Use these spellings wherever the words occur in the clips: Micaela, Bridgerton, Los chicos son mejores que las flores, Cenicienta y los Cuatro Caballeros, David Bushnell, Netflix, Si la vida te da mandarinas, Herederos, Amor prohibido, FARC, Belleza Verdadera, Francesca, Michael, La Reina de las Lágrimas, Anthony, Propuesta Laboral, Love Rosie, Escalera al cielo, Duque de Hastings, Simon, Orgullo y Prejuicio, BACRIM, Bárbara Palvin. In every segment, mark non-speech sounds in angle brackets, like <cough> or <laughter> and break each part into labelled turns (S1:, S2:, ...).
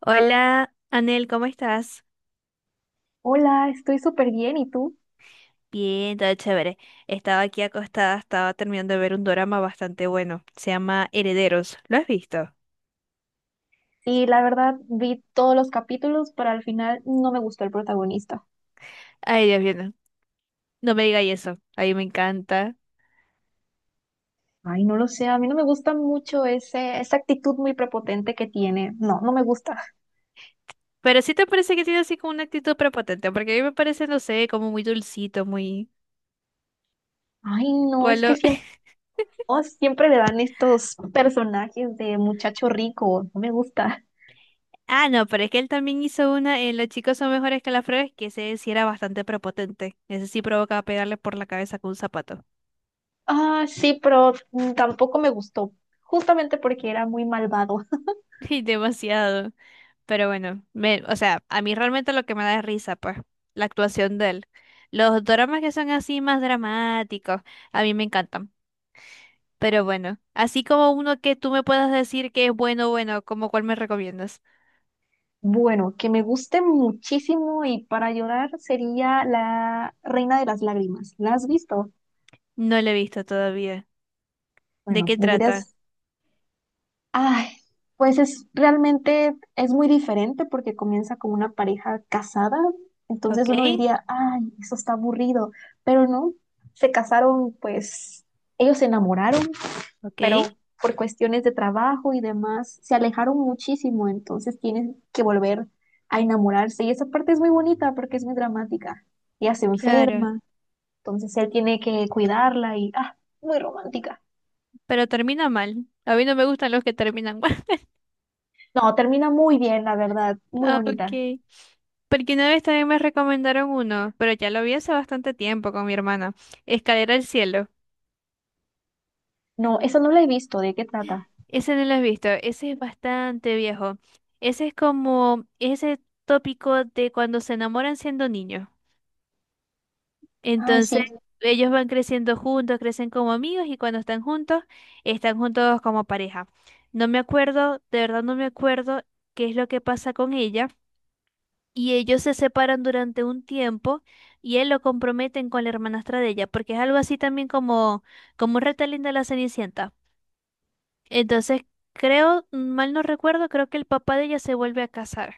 S1: Hola, Anel, ¿cómo estás?
S2: Hola, estoy súper bien, ¿y tú?
S1: Bien, todo chévere. Estaba aquí acostada, estaba terminando de ver un dorama bastante bueno. Se llama Herederos. ¿Lo has visto?
S2: Sí, la verdad vi todos los capítulos, pero al final no me gustó el protagonista.
S1: Ay, Dios mío, no, no me digas eso. A mí me encanta.
S2: Ay, no lo sé, a mí no me gusta mucho ese, esa actitud muy prepotente que tiene. No, no me gusta.
S1: Pero sí te parece que tiene así como una actitud prepotente, porque a mí me parece, no sé, como muy dulcito, muy...
S2: Ay, no, es que
S1: Bueno,
S2: siempre, siempre le dan estos personajes de muchacho rico, no me gusta.
S1: <laughs> ah, no, pero es que él también hizo una en Los chicos son mejores que las flores, que ese sí era bastante prepotente. Ese sí provocaba pegarle por la cabeza con un zapato.
S2: Ah, sí, pero tampoco me gustó, justamente porque era muy malvado. <laughs>
S1: <laughs> Y demasiado. Pero bueno, o sea, a mí realmente lo que me da es risa, pues, la actuación de él. Los dramas que son así más dramáticos, a mí me encantan. Pero bueno, así como uno que tú me puedas decir que es bueno, bueno, como cuál me recomiendas.
S2: Bueno, que me guste muchísimo y para llorar sería La Reina de las Lágrimas. ¿La has visto?
S1: No lo he visto todavía. ¿De
S2: Bueno,
S1: qué trata?
S2: deberías. Ay, pues es realmente es muy diferente porque comienza con una pareja casada.
S1: ¿Ok?
S2: Entonces uno diría, ay, eso está aburrido. Pero no, se casaron, pues ellos se enamoraron,
S1: ¿Ok?
S2: pero por cuestiones de trabajo y demás se alejaron muchísimo. Entonces tienen que volver a enamorarse. Y esa parte es muy bonita porque es muy dramática. Ella se
S1: Claro.
S2: enferma, entonces él tiene que cuidarla y, ah, muy romántica.
S1: Pero termina mal. A mí no me gustan los que terminan mal. <laughs>
S2: No, termina muy bien, la verdad, muy
S1: Ah,
S2: bonita.
S1: ok. Porque una vez también me recomendaron uno, pero ya lo vi hace bastante tiempo con mi hermana. Escalera al cielo.
S2: No, esa no la he visto, ¿de qué trata?
S1: Ese no lo he visto, ese es bastante viejo. Ese es como ese tópico de cuando se enamoran siendo niños.
S2: Ay,
S1: Entonces,
S2: sí.
S1: ellos van creciendo juntos, crecen como amigos y cuando están juntos como pareja. No me acuerdo, de verdad no me acuerdo qué es lo que pasa con ella. Y ellos se separan durante un tiempo y él lo comprometen con la hermanastra de ella, porque es algo así también como, como un retelling de la Cenicienta. Entonces, creo, mal no recuerdo, creo que el papá de ella se vuelve a casar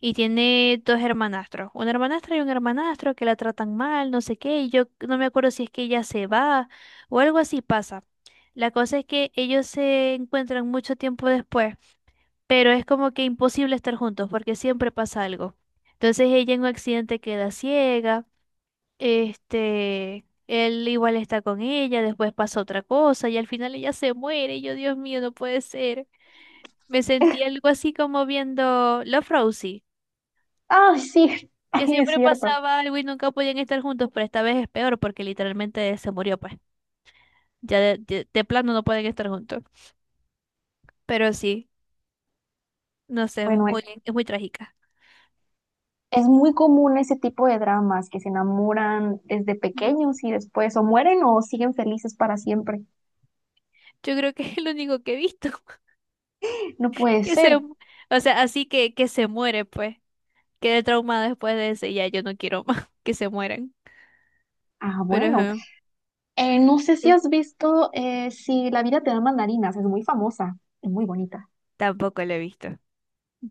S1: y tiene dos hermanastros, una hermanastra y un hermanastro que la tratan mal, no sé qué, y yo no me acuerdo si es que ella se va o algo así pasa. La cosa es que ellos se encuentran mucho tiempo después, pero es como que imposible estar juntos porque siempre pasa algo. Entonces ella en un accidente queda ciega. Este, él igual está con ella, después pasa otra cosa y al final ella se muere. Y yo, Dios mío, no puede ser. Me sentí algo así como viendo Love Rosie,
S2: Ay, sí, <laughs>
S1: que
S2: ay, es
S1: siempre
S2: cierto.
S1: pasaba algo y nunca podían estar juntos, pero esta vez es peor porque literalmente se murió, pues. Ya de plano no pueden estar juntos. Pero sí, no sé,
S2: Bueno,
S1: es muy trágica.
S2: es muy común ese tipo de dramas que se enamoran desde
S1: Ujú.
S2: pequeños y después o mueren o siguen felices para siempre.
S1: Yo creo que es lo único que he visto <laughs>
S2: No puede
S1: que se,
S2: ser.
S1: mu- o sea, que se muere, pues. Quedé traumada después de ese, ya yo no quiero más <laughs> que se mueran.
S2: Ah,
S1: Pero
S2: bueno.
S1: ajá,
S2: No sé si has visto Si la vida te da mandarinas, es muy famosa, es muy bonita.
S1: tampoco lo he visto.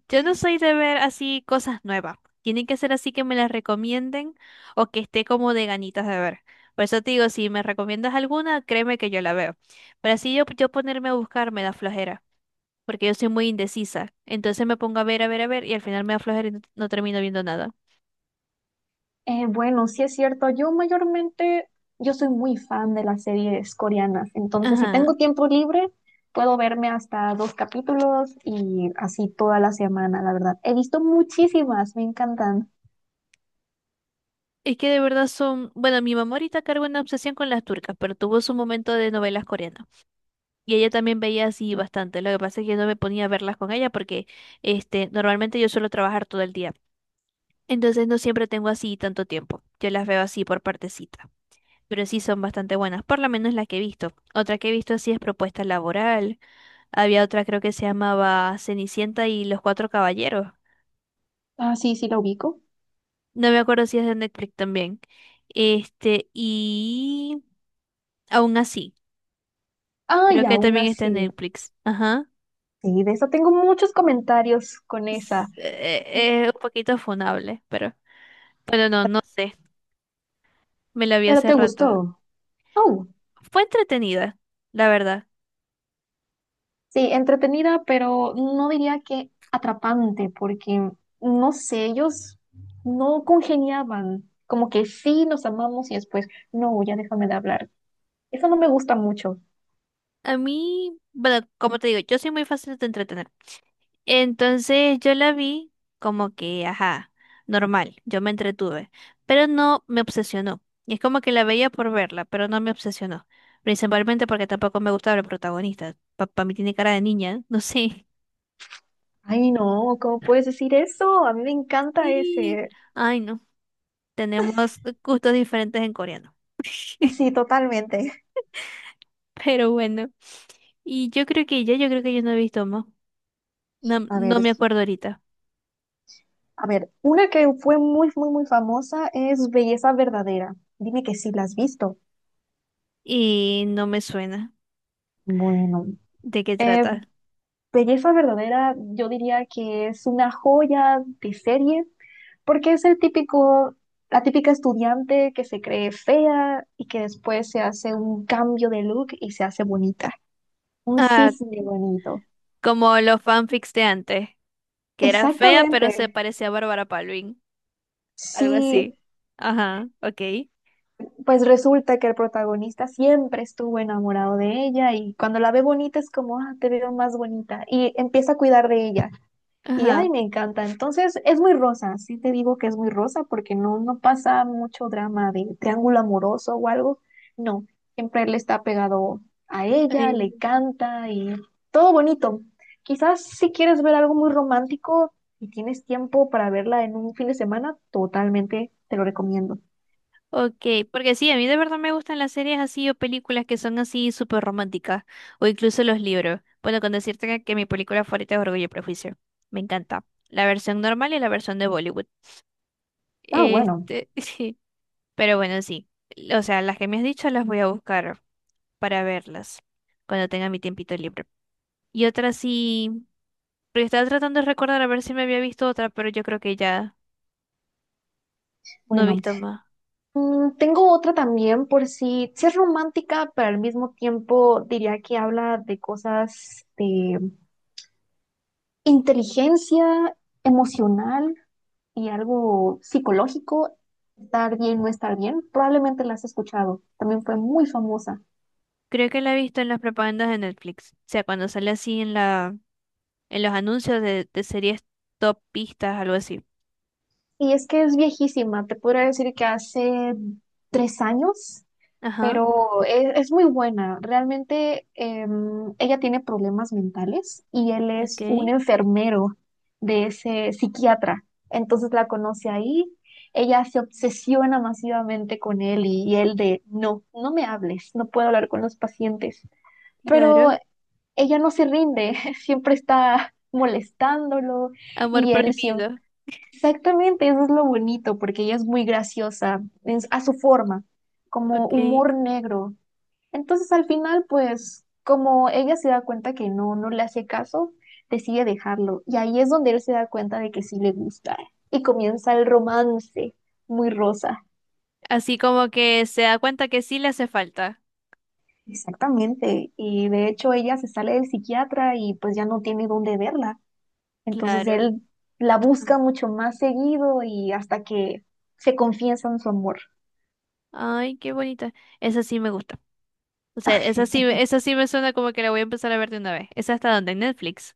S1: Yo no soy de ver así cosas nuevas. Tienen que ser así que me las recomienden o que esté como de ganitas de ver. Por eso te digo, si me recomiendas alguna, créeme que yo la veo. Pero así yo ponerme a buscar me da flojera, porque yo soy muy indecisa. Entonces me pongo a ver, a ver, a ver y al final me da flojera y no termino viendo nada.
S2: Bueno, sí es cierto. Yo mayormente, yo soy muy fan de las series coreanas. Entonces, si
S1: Ajá.
S2: tengo tiempo libre, puedo verme hasta dos capítulos y así toda la semana, la verdad. He visto muchísimas, me encantan.
S1: Es que de verdad son... Bueno, mi mamá ahorita carga una obsesión con las turcas, pero tuvo su momento de novelas coreanas. Y ella también veía así bastante. Lo que pasa es que yo no me ponía a verlas con ella porque normalmente yo suelo trabajar todo el día. Entonces no siempre tengo así tanto tiempo. Yo las veo así por partecita. Pero sí son bastante buenas, por lo menos las que he visto. Otra que he visto así es Propuesta Laboral. Había otra creo que se llamaba Cenicienta y los Cuatro Caballeros.
S2: Ah, sí, sí la ubico.
S1: No me acuerdo si es de Netflix también. Este, y aún así,
S2: Ah, y
S1: creo que
S2: aún
S1: también está en
S2: así.
S1: Netflix. Ajá.
S2: Sí, de eso tengo muchos comentarios con esa.
S1: Es un poquito funable, pero... Bueno, no sé. Me la vi
S2: Pero
S1: hace
S2: te
S1: rato.
S2: gustó. Oh.
S1: Fue entretenida, la verdad.
S2: Sí, entretenida, pero no diría que atrapante, porque no sé, ellos no congeniaban, como que sí nos amamos y después, no, ya déjame de hablar. Eso no me gusta mucho.
S1: A mí, bueno, como te digo, yo soy muy fácil de entretener. Entonces yo la vi como que, ajá, normal. Yo me entretuve. Pero no me obsesionó. Y Es como que la veía por verla, pero no me obsesionó. Principalmente porque tampoco me gustaba el protagonista. Papá, mí tiene cara de niña, <laughs> no sé.
S2: Ay, no, ¿cómo puedes decir eso? A mí me encanta
S1: Sí,
S2: ese.
S1: ay, no. Tenemos gustos diferentes en coreano.
S2: Sí,
S1: <laughs>
S2: totalmente.
S1: Pero bueno. Y yo creo que ya, yo creo que yo no he visto más.
S2: A ver,
S1: No me acuerdo ahorita
S2: a ver, una que fue muy, muy, muy famosa es Belleza Verdadera. Dime que sí la has visto.
S1: y no me suena
S2: Bueno,
S1: de qué
S2: eh,
S1: trata.
S2: Belleza Verdadera, yo diría que es una joya de serie. Porque es el típico, la típica estudiante que se cree fea y que después se hace un cambio de look y se hace bonita. Un
S1: Ah,
S2: cisne bonito.
S1: como los fanfics de antes, que era fea pero se
S2: Exactamente.
S1: parecía a Bárbara Palvin, algo así.
S2: Sí,
S1: Ajá, ok.
S2: pues resulta que el protagonista siempre estuvo enamorado de ella y cuando la ve bonita es como, ah, te veo más bonita. Y empieza a cuidar de ella. Y
S1: Ajá.
S2: ay, me encanta. Entonces, es muy rosa, sí te digo que es muy rosa porque no, no pasa mucho drama de triángulo amoroso o algo. No, siempre él está pegado a ella,
S1: eh,
S2: le canta y todo bonito. Quizás si quieres ver algo muy romántico y tienes tiempo para verla en un fin de semana, totalmente te lo recomiendo.
S1: Ok, porque sí, a mí de verdad me gustan las series así o películas que son así súper románticas o incluso los libros. Bueno, con decirte que mi película favorita es Orgullo y Prejuicio. Me encanta. La versión normal y la versión de Bollywood.
S2: Ah,
S1: Este, <laughs> Pero bueno, sí. O sea, las que me has dicho las voy a buscar para verlas cuando tenga mi tiempito libre. Y otra sí, porque estaba tratando de recordar a ver si me había visto otra, pero yo creo que ya no he
S2: bueno.
S1: visto más.
S2: Tengo otra también por si, si es romántica, pero al mismo tiempo diría que habla de cosas de inteligencia emocional y algo psicológico, estar bien, no estar bien, probablemente la has escuchado, también fue muy famosa.
S1: Creo que la he visto en las propagandas de Netflix. O sea, cuando sale así en los anuncios de series top pistas, algo así.
S2: Y es que es viejísima, te podría decir que hace 3 años,
S1: Ajá,
S2: pero es muy buena. Realmente ella tiene problemas mentales y él
S1: ok,
S2: es un enfermero de ese psiquiatra. Entonces la conoce ahí. Ella se obsesiona masivamente con él y, no, no me hables, no puedo hablar con los pacientes. Pero
S1: claro.
S2: ella no se rinde, <laughs> siempre está molestándolo
S1: Amor
S2: y él siempre...
S1: prohibido,
S2: Exactamente, eso es lo bonito, porque ella es muy graciosa a su forma, como
S1: ok.
S2: humor negro. Entonces al final, pues como ella se da cuenta que no, no le hace caso, decide dejarlo. Y ahí es donde él se da cuenta de que sí le gusta. Y comienza el romance, muy rosa.
S1: Así como que se da cuenta que sí le hace falta.
S2: Exactamente. Y de hecho ella se sale del psiquiatra y pues ya no tiene dónde verla. Entonces
S1: Claro.
S2: él la
S1: Ajá.
S2: busca mucho más seguido y hasta que se confiesan su amor.
S1: Ay, qué bonita. Esa sí me gusta. O sea,
S2: <laughs>
S1: esa sí me suena como que la voy a empezar a ver de una vez. ¿Esa está donde? En Netflix.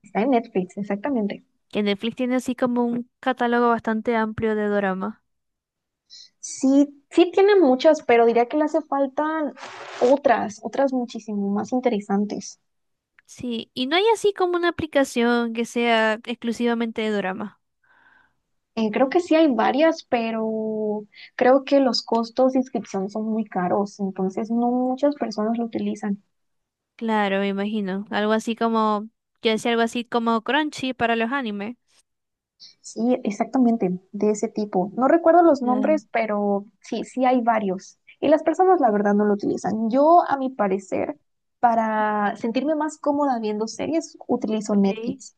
S2: Está en Netflix, exactamente.
S1: Que Netflix tiene así como un catálogo bastante amplio de dorama.
S2: Sí, sí tiene muchas, pero diría que le hace falta otras, otras muchísimo más interesantes.
S1: Sí, y no hay así como una aplicación que sea exclusivamente de dorama.
S2: Creo que sí hay varias, pero creo que los costos de inscripción son muy caros, entonces no muchas personas lo utilizan.
S1: Claro, me imagino. Algo así como, yo decía algo así como Crunchy para los animes.
S2: Sí, exactamente, de ese tipo. No recuerdo los
S1: Claro.
S2: nombres, pero sí, sí hay varios. Y las personas, la verdad, no lo utilizan. Yo, a mi parecer, para sentirme más cómoda viendo series, utilizo
S1: Ok.
S2: Netflix.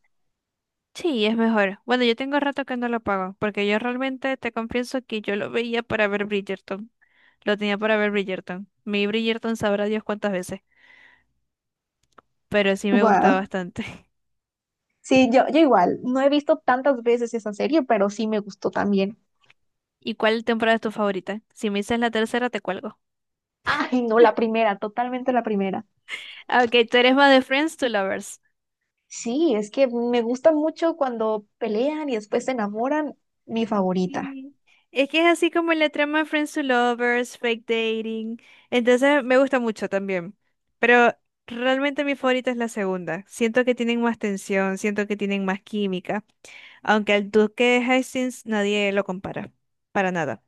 S1: Sí, es mejor. Bueno, yo tengo rato que no lo pago, porque yo realmente te confieso que yo lo veía para ver Bridgerton. Lo tenía para ver Bridgerton. Mi Bridgerton sabrá Dios cuántas veces. Pero sí me gusta
S2: Wow.
S1: bastante. <laughs>
S2: Sí, yo igual, no he visto tantas veces esa serie, pero sí me gustó también.
S1: ¿Y cuál temporada es tu favorita? Si me dices la tercera, te cuelgo.
S2: Ay, no, la primera, totalmente la primera.
S1: Ah, ok, tú eres más de Friends to Lovers.
S2: Sí, es que me gusta mucho cuando pelean y después se enamoran, mi favorita.
S1: Sí. Es que es así como la trama de Friends to Lovers, fake dating. Entonces me gusta mucho también. Pero realmente mi favorita es la segunda. Siento que tienen más tensión, siento que tienen más química. Aunque el Duque de Hastings nadie lo compara. Para nada.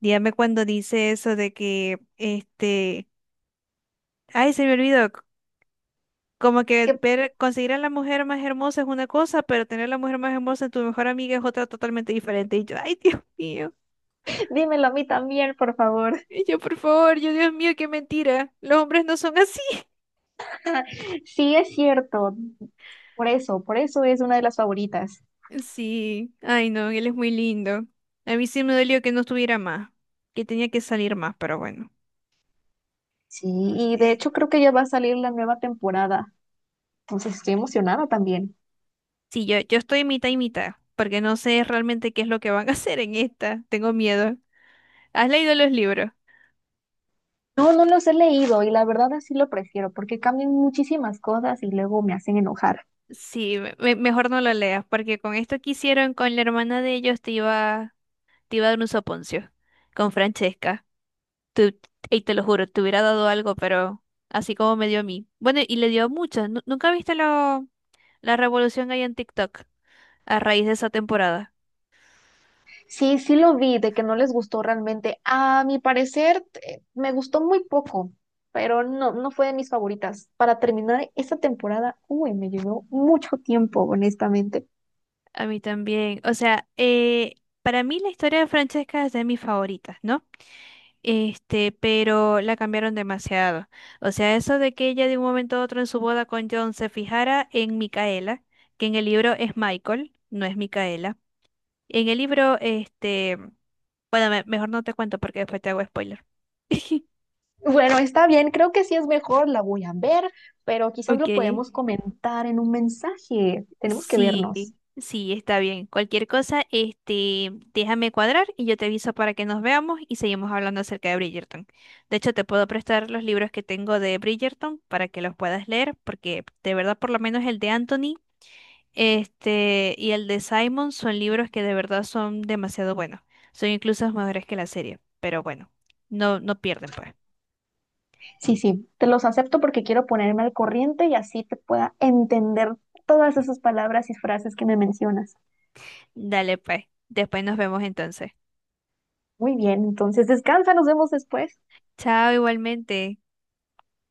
S1: Dígame cuando dice eso de que, ay, se me olvidó, como
S2: Que,
S1: que ver, conseguir a la mujer más hermosa es una cosa, pero tener a la mujer más hermosa en tu mejor amiga es otra totalmente diferente. Y yo, ay, Dios mío.
S2: <laughs> dímelo a mí también, por favor.
S1: Y yo, por favor, yo, Dios mío, qué mentira. Los hombres no son así. <laughs>
S2: <laughs> Sí, es cierto, por eso es una de las favoritas.
S1: Sí, ay, no, él es muy lindo. A mí sí me dolió que no estuviera más, que tenía que salir más, pero bueno.
S2: Sí, y de
S1: Eh,
S2: hecho creo que ya va a salir la nueva temporada, entonces estoy emocionada también.
S1: Sí, yo estoy mitad y mitad, porque no sé realmente qué es lo que van a <laughs> hacer en esta. Tengo miedo. ¿Has leído los libros?
S2: No, no los he leído y la verdad así lo prefiero porque cambian muchísimas cosas y luego me hacen enojar.
S1: Sí, mejor no lo leas, porque con esto que hicieron con la hermana de ellos te iba. Te iba a dar un soponcio con Francesca. Tú- y te lo juro, te hubiera dado algo, pero así como me dio a mí. Bueno, y le dio a muchas. ¿Nunca viste la revolución que hay en TikTok a raíz de esa temporada?
S2: Sí, sí lo vi, de que no les gustó realmente. A mi parecer, me gustó muy poco, pero no, no fue de mis favoritas. Para terminar esta temporada, uy, me llevó mucho tiempo, honestamente.
S1: A mí también. O sea, para mí la historia de Francesca es de mis favoritas, ¿no? Pero la cambiaron demasiado. O sea, eso de que ella de un momento a otro en su boda con John se fijara en Micaela, que en el libro es Michael, no es Micaela. En el libro, bueno, mejor no te cuento porque después te hago spoiler. <laughs>
S2: Bueno, está bien, creo que sí es mejor, la voy a ver, pero quizás lo
S1: Ok.
S2: podemos comentar en un mensaje. Tenemos que vernos.
S1: Sí, está bien. Cualquier cosa, déjame cuadrar y yo te aviso para que nos veamos y seguimos hablando acerca de Bridgerton. De hecho, te puedo prestar los libros que tengo de Bridgerton para que los puedas leer, porque de verdad, por lo menos el de Anthony, y el de Simon son libros que de verdad son demasiado buenos. Son incluso mejores que la serie, pero bueno, no pierden, pues.
S2: Sí, sí, te los acepto porque quiero ponerme al corriente y así te pueda entender todas esas palabras y frases que me mencionas.
S1: Dale, pues. Después nos vemos entonces.
S2: Muy bien, entonces descansa, nos vemos después.
S1: Chao, igualmente.